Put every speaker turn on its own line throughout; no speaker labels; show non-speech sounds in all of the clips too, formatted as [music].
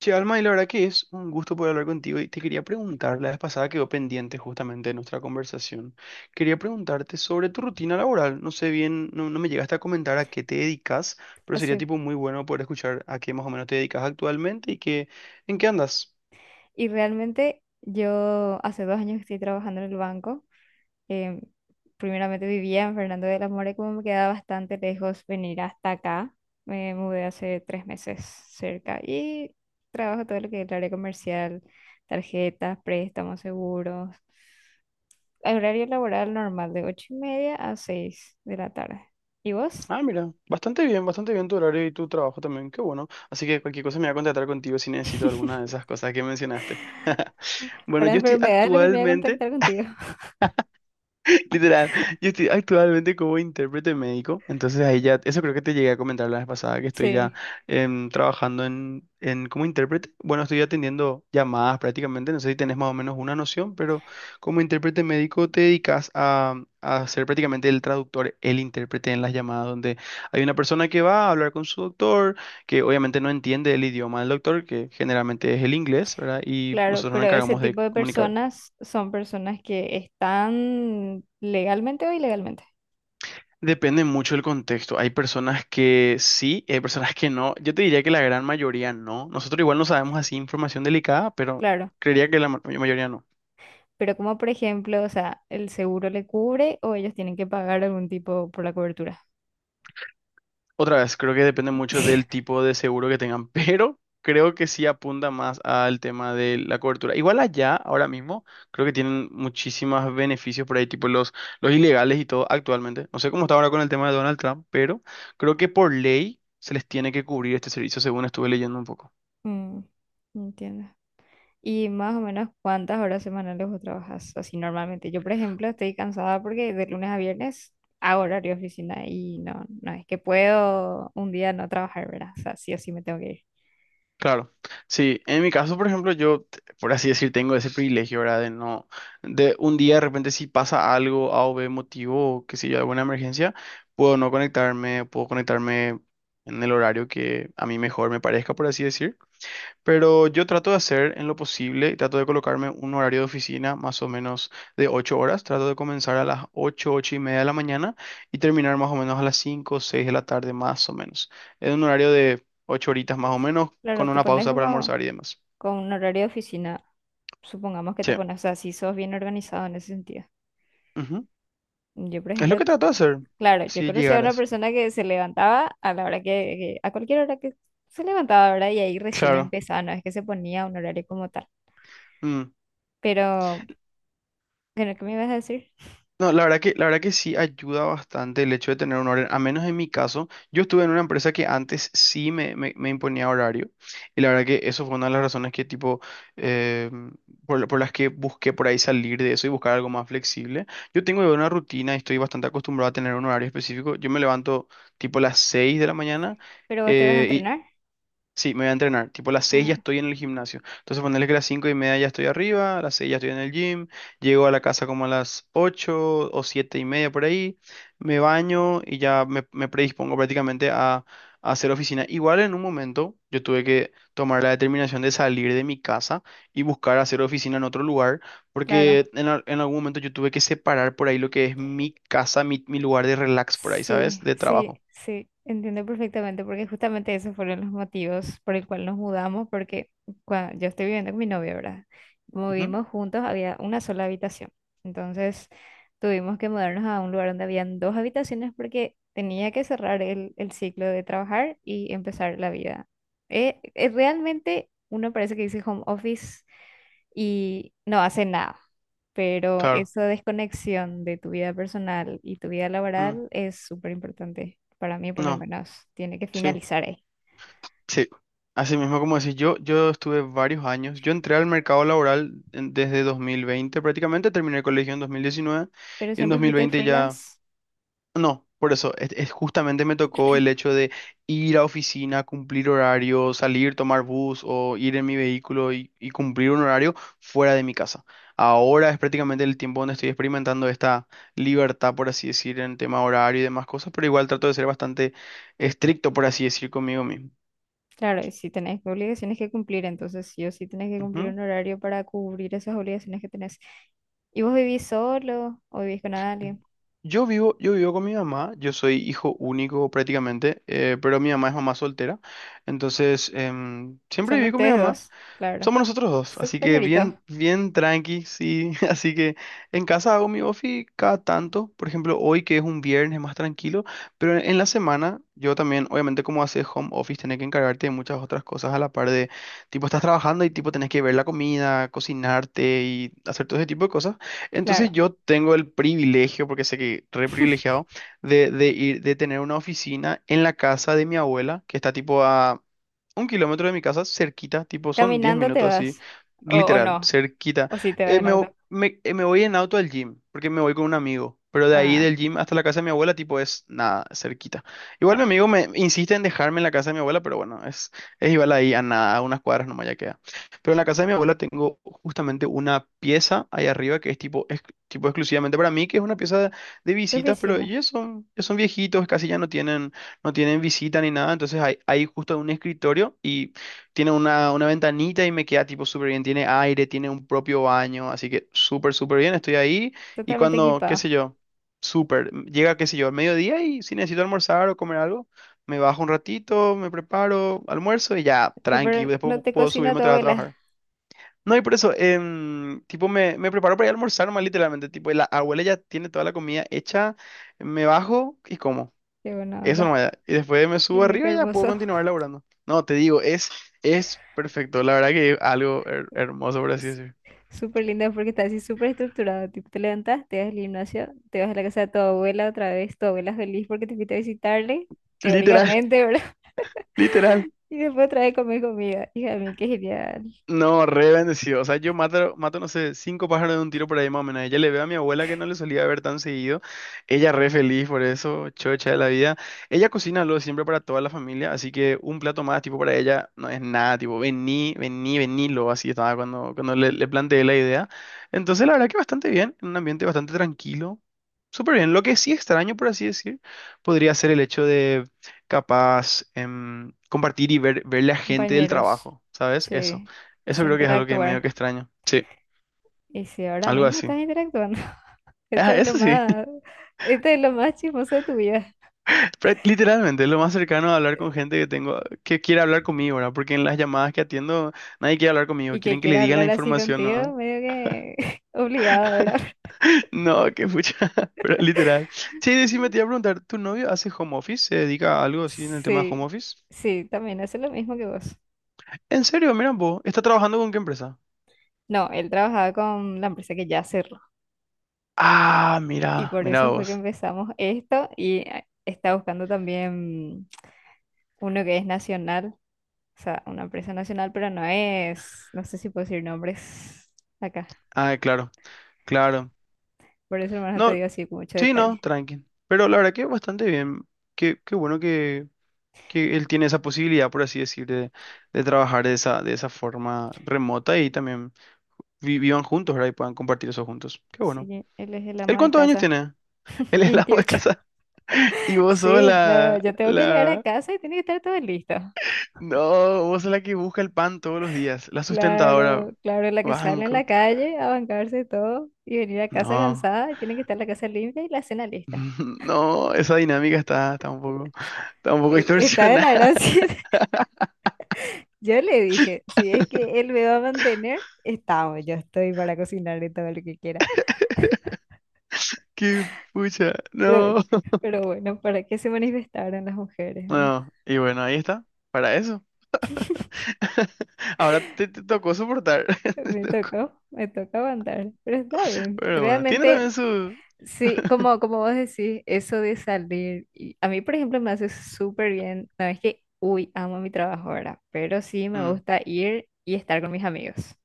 Che, Alma, y la verdad que es un gusto poder hablar contigo y te quería preguntar, la vez pasada quedó pendiente justamente de nuestra conversación, quería preguntarte sobre tu rutina laboral, no sé bien, no me llegaste a comentar a qué te dedicas, pero sería
Sí.
tipo muy bueno poder escuchar a qué más o menos te dedicas actualmente y qué, en qué andas.
Y realmente yo hace 2 años que estoy trabajando en el banco. em, Primeramente vivía en Fernando de la Mora y como me quedaba bastante lejos venir hasta acá, me mudé hace 3 meses cerca y trabajo todo lo que es el área comercial, tarjetas, préstamos, seguros. El horario laboral normal de 8:30 a 6 de la tarde. ¿Y vos?
Ah, mira, bastante bien tu horario y tu trabajo también, qué bueno. Así que cualquier cosa me voy a contactar contigo si necesito alguna de esas
[laughs]
cosas que mencionaste. Bueno,
Para
yo estoy
enfermedades lo que me voy a
actualmente
contactar contigo.
[laughs] literal, yo estoy actualmente como intérprete médico, entonces ahí ya, eso creo que te llegué a comentar la vez pasada, que estoy ya
Sí.
trabajando en como intérprete. Bueno, estoy atendiendo llamadas prácticamente, no sé si tenés más o menos una noción, pero como intérprete médico te dedicas a ser prácticamente el traductor, el intérprete en las llamadas, donde hay una persona que va a hablar con su doctor, que obviamente no entiende el idioma del doctor, que generalmente es el inglés, ¿verdad? Y
Claro,
nosotros nos
pero ese
encargamos de
tipo de
comunicar.
personas son personas que están legalmente o ilegalmente,
Depende mucho del contexto. Hay personas que sí, hay personas que no. Yo te diría que la gran mayoría no. Nosotros igual no sabemos así información delicada, pero
claro.
creería que la mayoría no.
Pero como por ejemplo, o sea, el seguro le cubre o ellos tienen que pagar algún tipo por la cobertura.
Otra vez, creo que depende mucho del
[laughs]
tipo de seguro que tengan, [laughs] pero creo que sí apunta más al tema de la cobertura. Igual allá, ahora mismo, creo que tienen muchísimos beneficios por ahí, tipo los ilegales y todo actualmente. No sé cómo está ahora con el tema de Donald Trump, pero creo que por ley se les tiene que cubrir este servicio, según estuve leyendo un poco.
Mm, entiendo. Y más o menos cuántas horas semanales vos trabajas así normalmente. Yo, por ejemplo, estoy cansada porque de lunes a viernes hago horario de oficina y no, no es que puedo un día no trabajar, ¿verdad? O sea, sí o sí me tengo que ir.
Claro, sí, en mi caso, por ejemplo, yo, por así decir, tengo ese privilegio, ¿verdad? De no, de un día de repente si pasa algo, A o B motivo, o qué sé yo, alguna emergencia, puedo no conectarme, puedo conectarme en el horario que a mí mejor me parezca, por así decir. Pero yo trato de hacer en lo posible, trato de colocarme un horario de oficina más o menos de 8 horas, trato de comenzar a las 8 8:30 de la mañana y terminar más o menos a las 5 o 6 de la tarde más o menos. Es un horario de 8 horitas más o menos,
Claro,
con
te
una
pones
pausa para
como
almorzar y demás.
con un horario de oficina, supongamos que te
Sí.
pones, o sea, si sos bien organizado en ese sentido.
Ujú.
Yo, por
Es lo
ejemplo,
que trato de hacer,
claro, yo
si
conocía a una
llegaras.
persona que se levantaba a la hora que, a cualquier hora que se levantaba, ¿verdad? Y ahí recién
Claro.
empezaba, no es que se ponía un horario como tal.
Mm.
Pero, bueno, ¿qué me ibas a decir?
No, la verdad que sí ayuda bastante el hecho de tener un horario, a menos en mi caso, yo estuve en una empresa que antes sí me imponía horario y la verdad que eso fue una de las razones que tipo, eh, por, por las que busqué por ahí salir de eso y buscar algo más flexible. Yo tengo ya una rutina y estoy bastante acostumbrado a tener un horario específico, yo me levanto tipo las 6 de la mañana
¿Pero vos te vas a
eh,
entrenar?
sí, me voy a entrenar. Tipo, a las 6 ya
Ah,
estoy en el gimnasio. Entonces, ponerle que a las 5:30 ya estoy arriba, a las 6 ya estoy en el gym, llego a la casa como a las 8 o 7:30 por ahí, me baño y ya me, predispongo prácticamente a hacer oficina. Igual en un momento yo tuve que tomar la determinación de salir de mi casa y buscar hacer oficina en otro lugar,
claro.
porque en algún momento yo tuve que separar por ahí lo que es mi casa, mi lugar de relax por ahí, ¿sabes?
Sí,
De
sí,
trabajo.
sí, entiendo perfectamente porque justamente esos fueron los motivos por el cual nos mudamos porque cuando yo estoy viviendo con mi novio, ¿verdad? Como
Ujú,
vivimos juntos, había una sola habitación. Entonces tuvimos que mudarnos a un lugar donde habían dos habitaciones porque tenía que cerrar el ciclo de trabajar y empezar la vida. Realmente uno parece que dice home office y no hace nada. Pero
claro.
esa desconexión de tu vida personal y tu vida
Mm,
laboral es súper importante. Para mí, por lo
no,
menos, tiene que
sí.
finalizar ahí.
Sí, así mismo como decís, yo estuve varios años, yo entré al mercado laboral desde 2020, prácticamente, terminé el colegio en 2019
Pero
y en dos
siempre
mil
fuiste
veinte ya,
freelance.
no, por eso, es justamente me tocó el hecho de ir a oficina, cumplir horario, salir, tomar bus o ir en mi vehículo y cumplir un horario fuera de mi casa. Ahora es prácticamente el tiempo donde estoy experimentando esta libertad, por así decir, en tema horario y demás cosas, pero igual trato de ser bastante estricto, por así decir, conmigo mismo.
Claro, y si tenés obligaciones que cumplir, entonces sí o sí tenés que cumplir un horario para cubrir esas obligaciones que tenés. ¿Y vos vivís solo o vivís con alguien?
Yo vivo con mi mamá, yo soy hijo único prácticamente, pero mi mamá es mamá soltera, entonces siempre
Son
viví con mi
ustedes
mamá.
dos, claro.
Somos nosotros dos,
Su
así que
compañerito,
bien, bien tranqui, sí. [laughs] Así que en casa hago mi ofi cada tanto. Por ejemplo, hoy que es un viernes más tranquilo, pero en la semana yo también, obviamente como haces home office, tenés que encargarte de muchas otras cosas a la par de, tipo, estás trabajando y tipo tenés que ver la comida, cocinarte y hacer todo ese tipo de cosas. Entonces
claro.
yo tengo el privilegio, porque sé que re privilegiado, de ir, de tener una oficina en la casa de mi abuela, que está tipo a 1 kilómetro de mi casa, cerquita, tipo, son 10
¿Caminando te
minutos así,
vas? ¿O
literal,
no?
cerquita.
¿O si te vas
Eh,
en
me,
auto?
vo- me, eh, me voy en auto al gym, porque me voy con un amigo, pero de ahí
Ah,
del gym hasta la casa de mi abuela, tipo, es nada, cerquita. Igual mi
claro.
amigo me insiste en dejarme en la casa de mi abuela, pero bueno, es igual ahí a nada, a unas cuadras nomás ya queda. Pero en la casa de mi abuela tengo justamente una pieza ahí arriba que es tipo, tipo exclusivamente para mí, que es una pieza de
Tu
visitas, pero
oficina.
ellos son, ya son viejitos, casi ya no tienen visita ni nada, entonces hay justo un escritorio y tiene una ventanita y me queda tipo súper bien, tiene aire, tiene un propio baño, así que súper, súper bien, estoy ahí y
Totalmente
cuando, qué
equipado.
sé yo, súper, llega, qué sé yo, al mediodía y si necesito almorzar o comer algo, me bajo un ratito, me preparo, almuerzo y ya, tranqui,
Pero
después
no te
puedo
cocina
subirme
tu
otra vez a
abuela.
trabajar. No, y por eso, tipo, me preparo para ir a almorzar más literalmente, tipo, la abuela ya tiene toda la comida hecha, me bajo y como.
Qué buena
Eso no
onda.
me da. Y después me
Dios
subo
mío, qué
arriba y ya puedo
hermoso.
continuar laburando. No, te digo, es perfecto. La verdad que es algo hermoso, por así
Es
decir.
súper lindo porque está así súper estructurado. Tipo, te levantas, te vas al gimnasio, te vas a la casa de tu abuela otra vez. Tu abuela feliz porque te fuiste a visitarle,
Literal, [laughs]
teóricamente, ¿verdad?
literal.
[laughs] Y después otra vez comer comida. Hija mía, qué genial.
No, re bendecido. O sea, yo mato, mato, no sé, cinco pájaros de un tiro por ahí más o menos. Ella le veo a mi abuela que no le solía ver tan seguido. Ella re feliz por eso, chocha de la vida. Ella cocina lo de siempre para toda la familia, así que un plato más, tipo, para ella no es nada, tipo, vení, vení, venilo, así estaba cuando le planteé la idea. Entonces, la verdad que bastante bien, en un ambiente bastante tranquilo. Súper bien. Lo que sí extraño, por así decir, podría ser el hecho de capaz compartir y ver la gente del
Compañeros,
trabajo, ¿sabes? Eso.
sí, es
Eso creo que es algo que medio
interactuar.
que extraño. Sí,
Y si ahora
algo
mismo
así.
estás interactuando, [laughs] esto
Ah,
es lo
eso sí,
más,
[laughs]
esto es lo más chismoso de tu vida.
pero literalmente es lo más cercano a hablar con gente que tengo, que quiere hablar conmigo, ¿verdad? Porque en las llamadas que atiendo nadie quiere hablar conmigo,
Y que
quieren que le
quiera
digan la
hablar así
información, ¿no?
contigo, medio que [laughs] obligado a hablar.
[laughs] No, qué pucha, [laughs] pero literal. Sí, decime, te iba a preguntar, ¿tu novio hace home office? ¿Se dedica a algo
[laughs]
así en el tema de
Sí,
home office?
sí, también hace lo mismo que vos.
En serio, mira vos, ¿está trabajando con qué empresa?
No, él trabajaba con la empresa que ya cerró.
Ah,
Y
mira,
por
mira
eso fue que
vos.
empezamos esto y está buscando también uno que es nacional, o sea, una empresa nacional, pero no es, no sé si puedo decir nombres acá.
Ah, claro, claro.
Por eso, hermano, te
No,
digo así con mucho
sí, no,
detalle.
tranqui. Pero la verdad que bastante bien. Qué bueno que él tiene esa posibilidad, por así decir, de trabajar de esa forma remota y también vivan juntos, ¿verdad? Y puedan compartir eso juntos. Qué bueno.
Sí, él es el
¿Él
amo de
cuántos años
casa.
tiene? [laughs] Él es la ama de
28.
casa,
[laughs]
[laughs] y vos sos
Sí, no,
la,
yo tengo que llegar a
la...
casa y tiene que estar todo listo.
No, vos sos la que busca el pan todos los días, la sustentadora.
Claro, claro, la que sale en
Banco.
la calle a bancarse todo y venir a casa
No.
cansada y tiene que estar la casa limpia y la cena lista.
[laughs] No, esa dinámica está un poco
Está de
distorsionada.
la gracia. [laughs] Yo le dije, si es que él me va a mantener, estamos, yo estoy para cocinarle todo lo que quiera.
[laughs] Qué pucha. No.
Pero,
[laughs]
pero bueno, ¿para qué se manifestaron las mujeres, verdad?
No. Y bueno, ahí está. Para eso. [laughs] Ahora te tocó soportar. [laughs] Te
Me
tocó.
tocó, me tocó aguantar, pero está bien.
Pero bueno, tiene también
Realmente
su...
sí,
[laughs]
como vos decís, eso de salir, y a mí, por ejemplo, me hace súper bien. No es que, uy, amo mi trabajo ahora, pero sí me
Mm,
gusta ir y estar con mis amigos.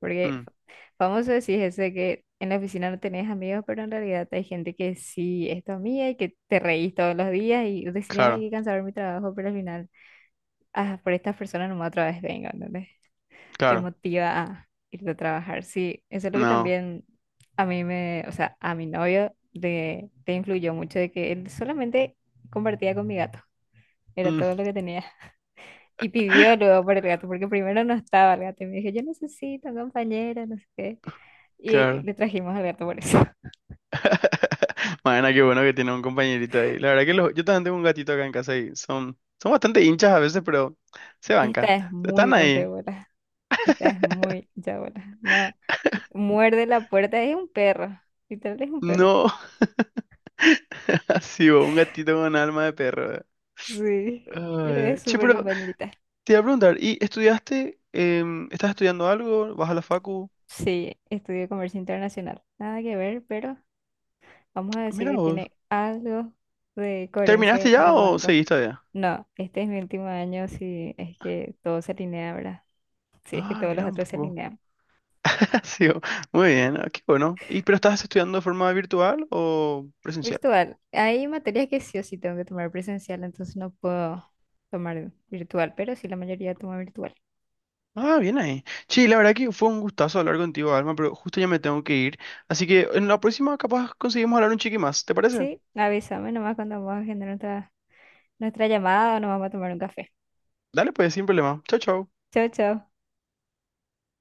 Porque
mm,
famoso decís ese que en la oficina no tenés amigos, pero en realidad hay gente que sí es tu amiga y que te reís todos los días y decías, ay,
claro,
qué cansado mi trabajo, pero al final, ah, por estas personas nomás otra vez vengo, ¿entendés? Te
claro.
motiva a irte a trabajar. Sí, eso es lo que
No.
también a mí me, o sea, a mi novio le influyó mucho de que él solamente compartía con mi gato, era
Mm,
todo lo que tenía. [laughs] Y pidió luego por el gato, porque primero no estaba el gato y me dijo, yo necesito un compañero, no sé qué. Y
claro.
le trajimos al gato por eso. [laughs]
[laughs] Mañana, qué bueno que tiene un compañerito ahí. La verdad que yo también tengo un gatito acá en casa y son bastante hinchas a veces, pero se banca.
Esta es muy
Están ahí.
rompebolas, esta es muy chabola. No, muerde la puerta, es un perro, literal es un perro.
No, [laughs] así, vos, un gatito con alma de perro.
Sí,
Ay,
pero es
ay. Che,
súper
pero
compañerita.
te iba a preguntar, ¿y estudiaste? ¿Estás estudiando algo? ¿Vas a la facu?
Sí, estudié comercio internacional. Nada que ver, pero vamos a decir
Mira
que
vos.
tiene algo de coherencia
¿Terminaste
con
ya
el
o
banco.
seguís todavía?
No, este es mi último año si es que todo se alinea, ¿verdad? Si es que
Ah,
todos los
mira un
otros se
poco.
alinean.
[laughs] Ha sido- Muy bien, ah, qué bueno. ¿Y pero estás estudiando de forma virtual o presencial?
Virtual. Hay materias que sí o sí tengo que tomar presencial, entonces no puedo tomar virtual, pero sí la mayoría toma virtual.
Ah, bien ahí. Sí, la verdad que fue un gustazo hablar contigo, Alma, pero justo ya me tengo que ir. Así que en la próxima capaz conseguimos hablar un chiqui más, ¿te parece?
Sí, avísame nomás cuando vamos a agendar nuestra llamada o nos vamos a tomar un café.
Dale, pues, sin problema. Chao, chao.
Chao, chao.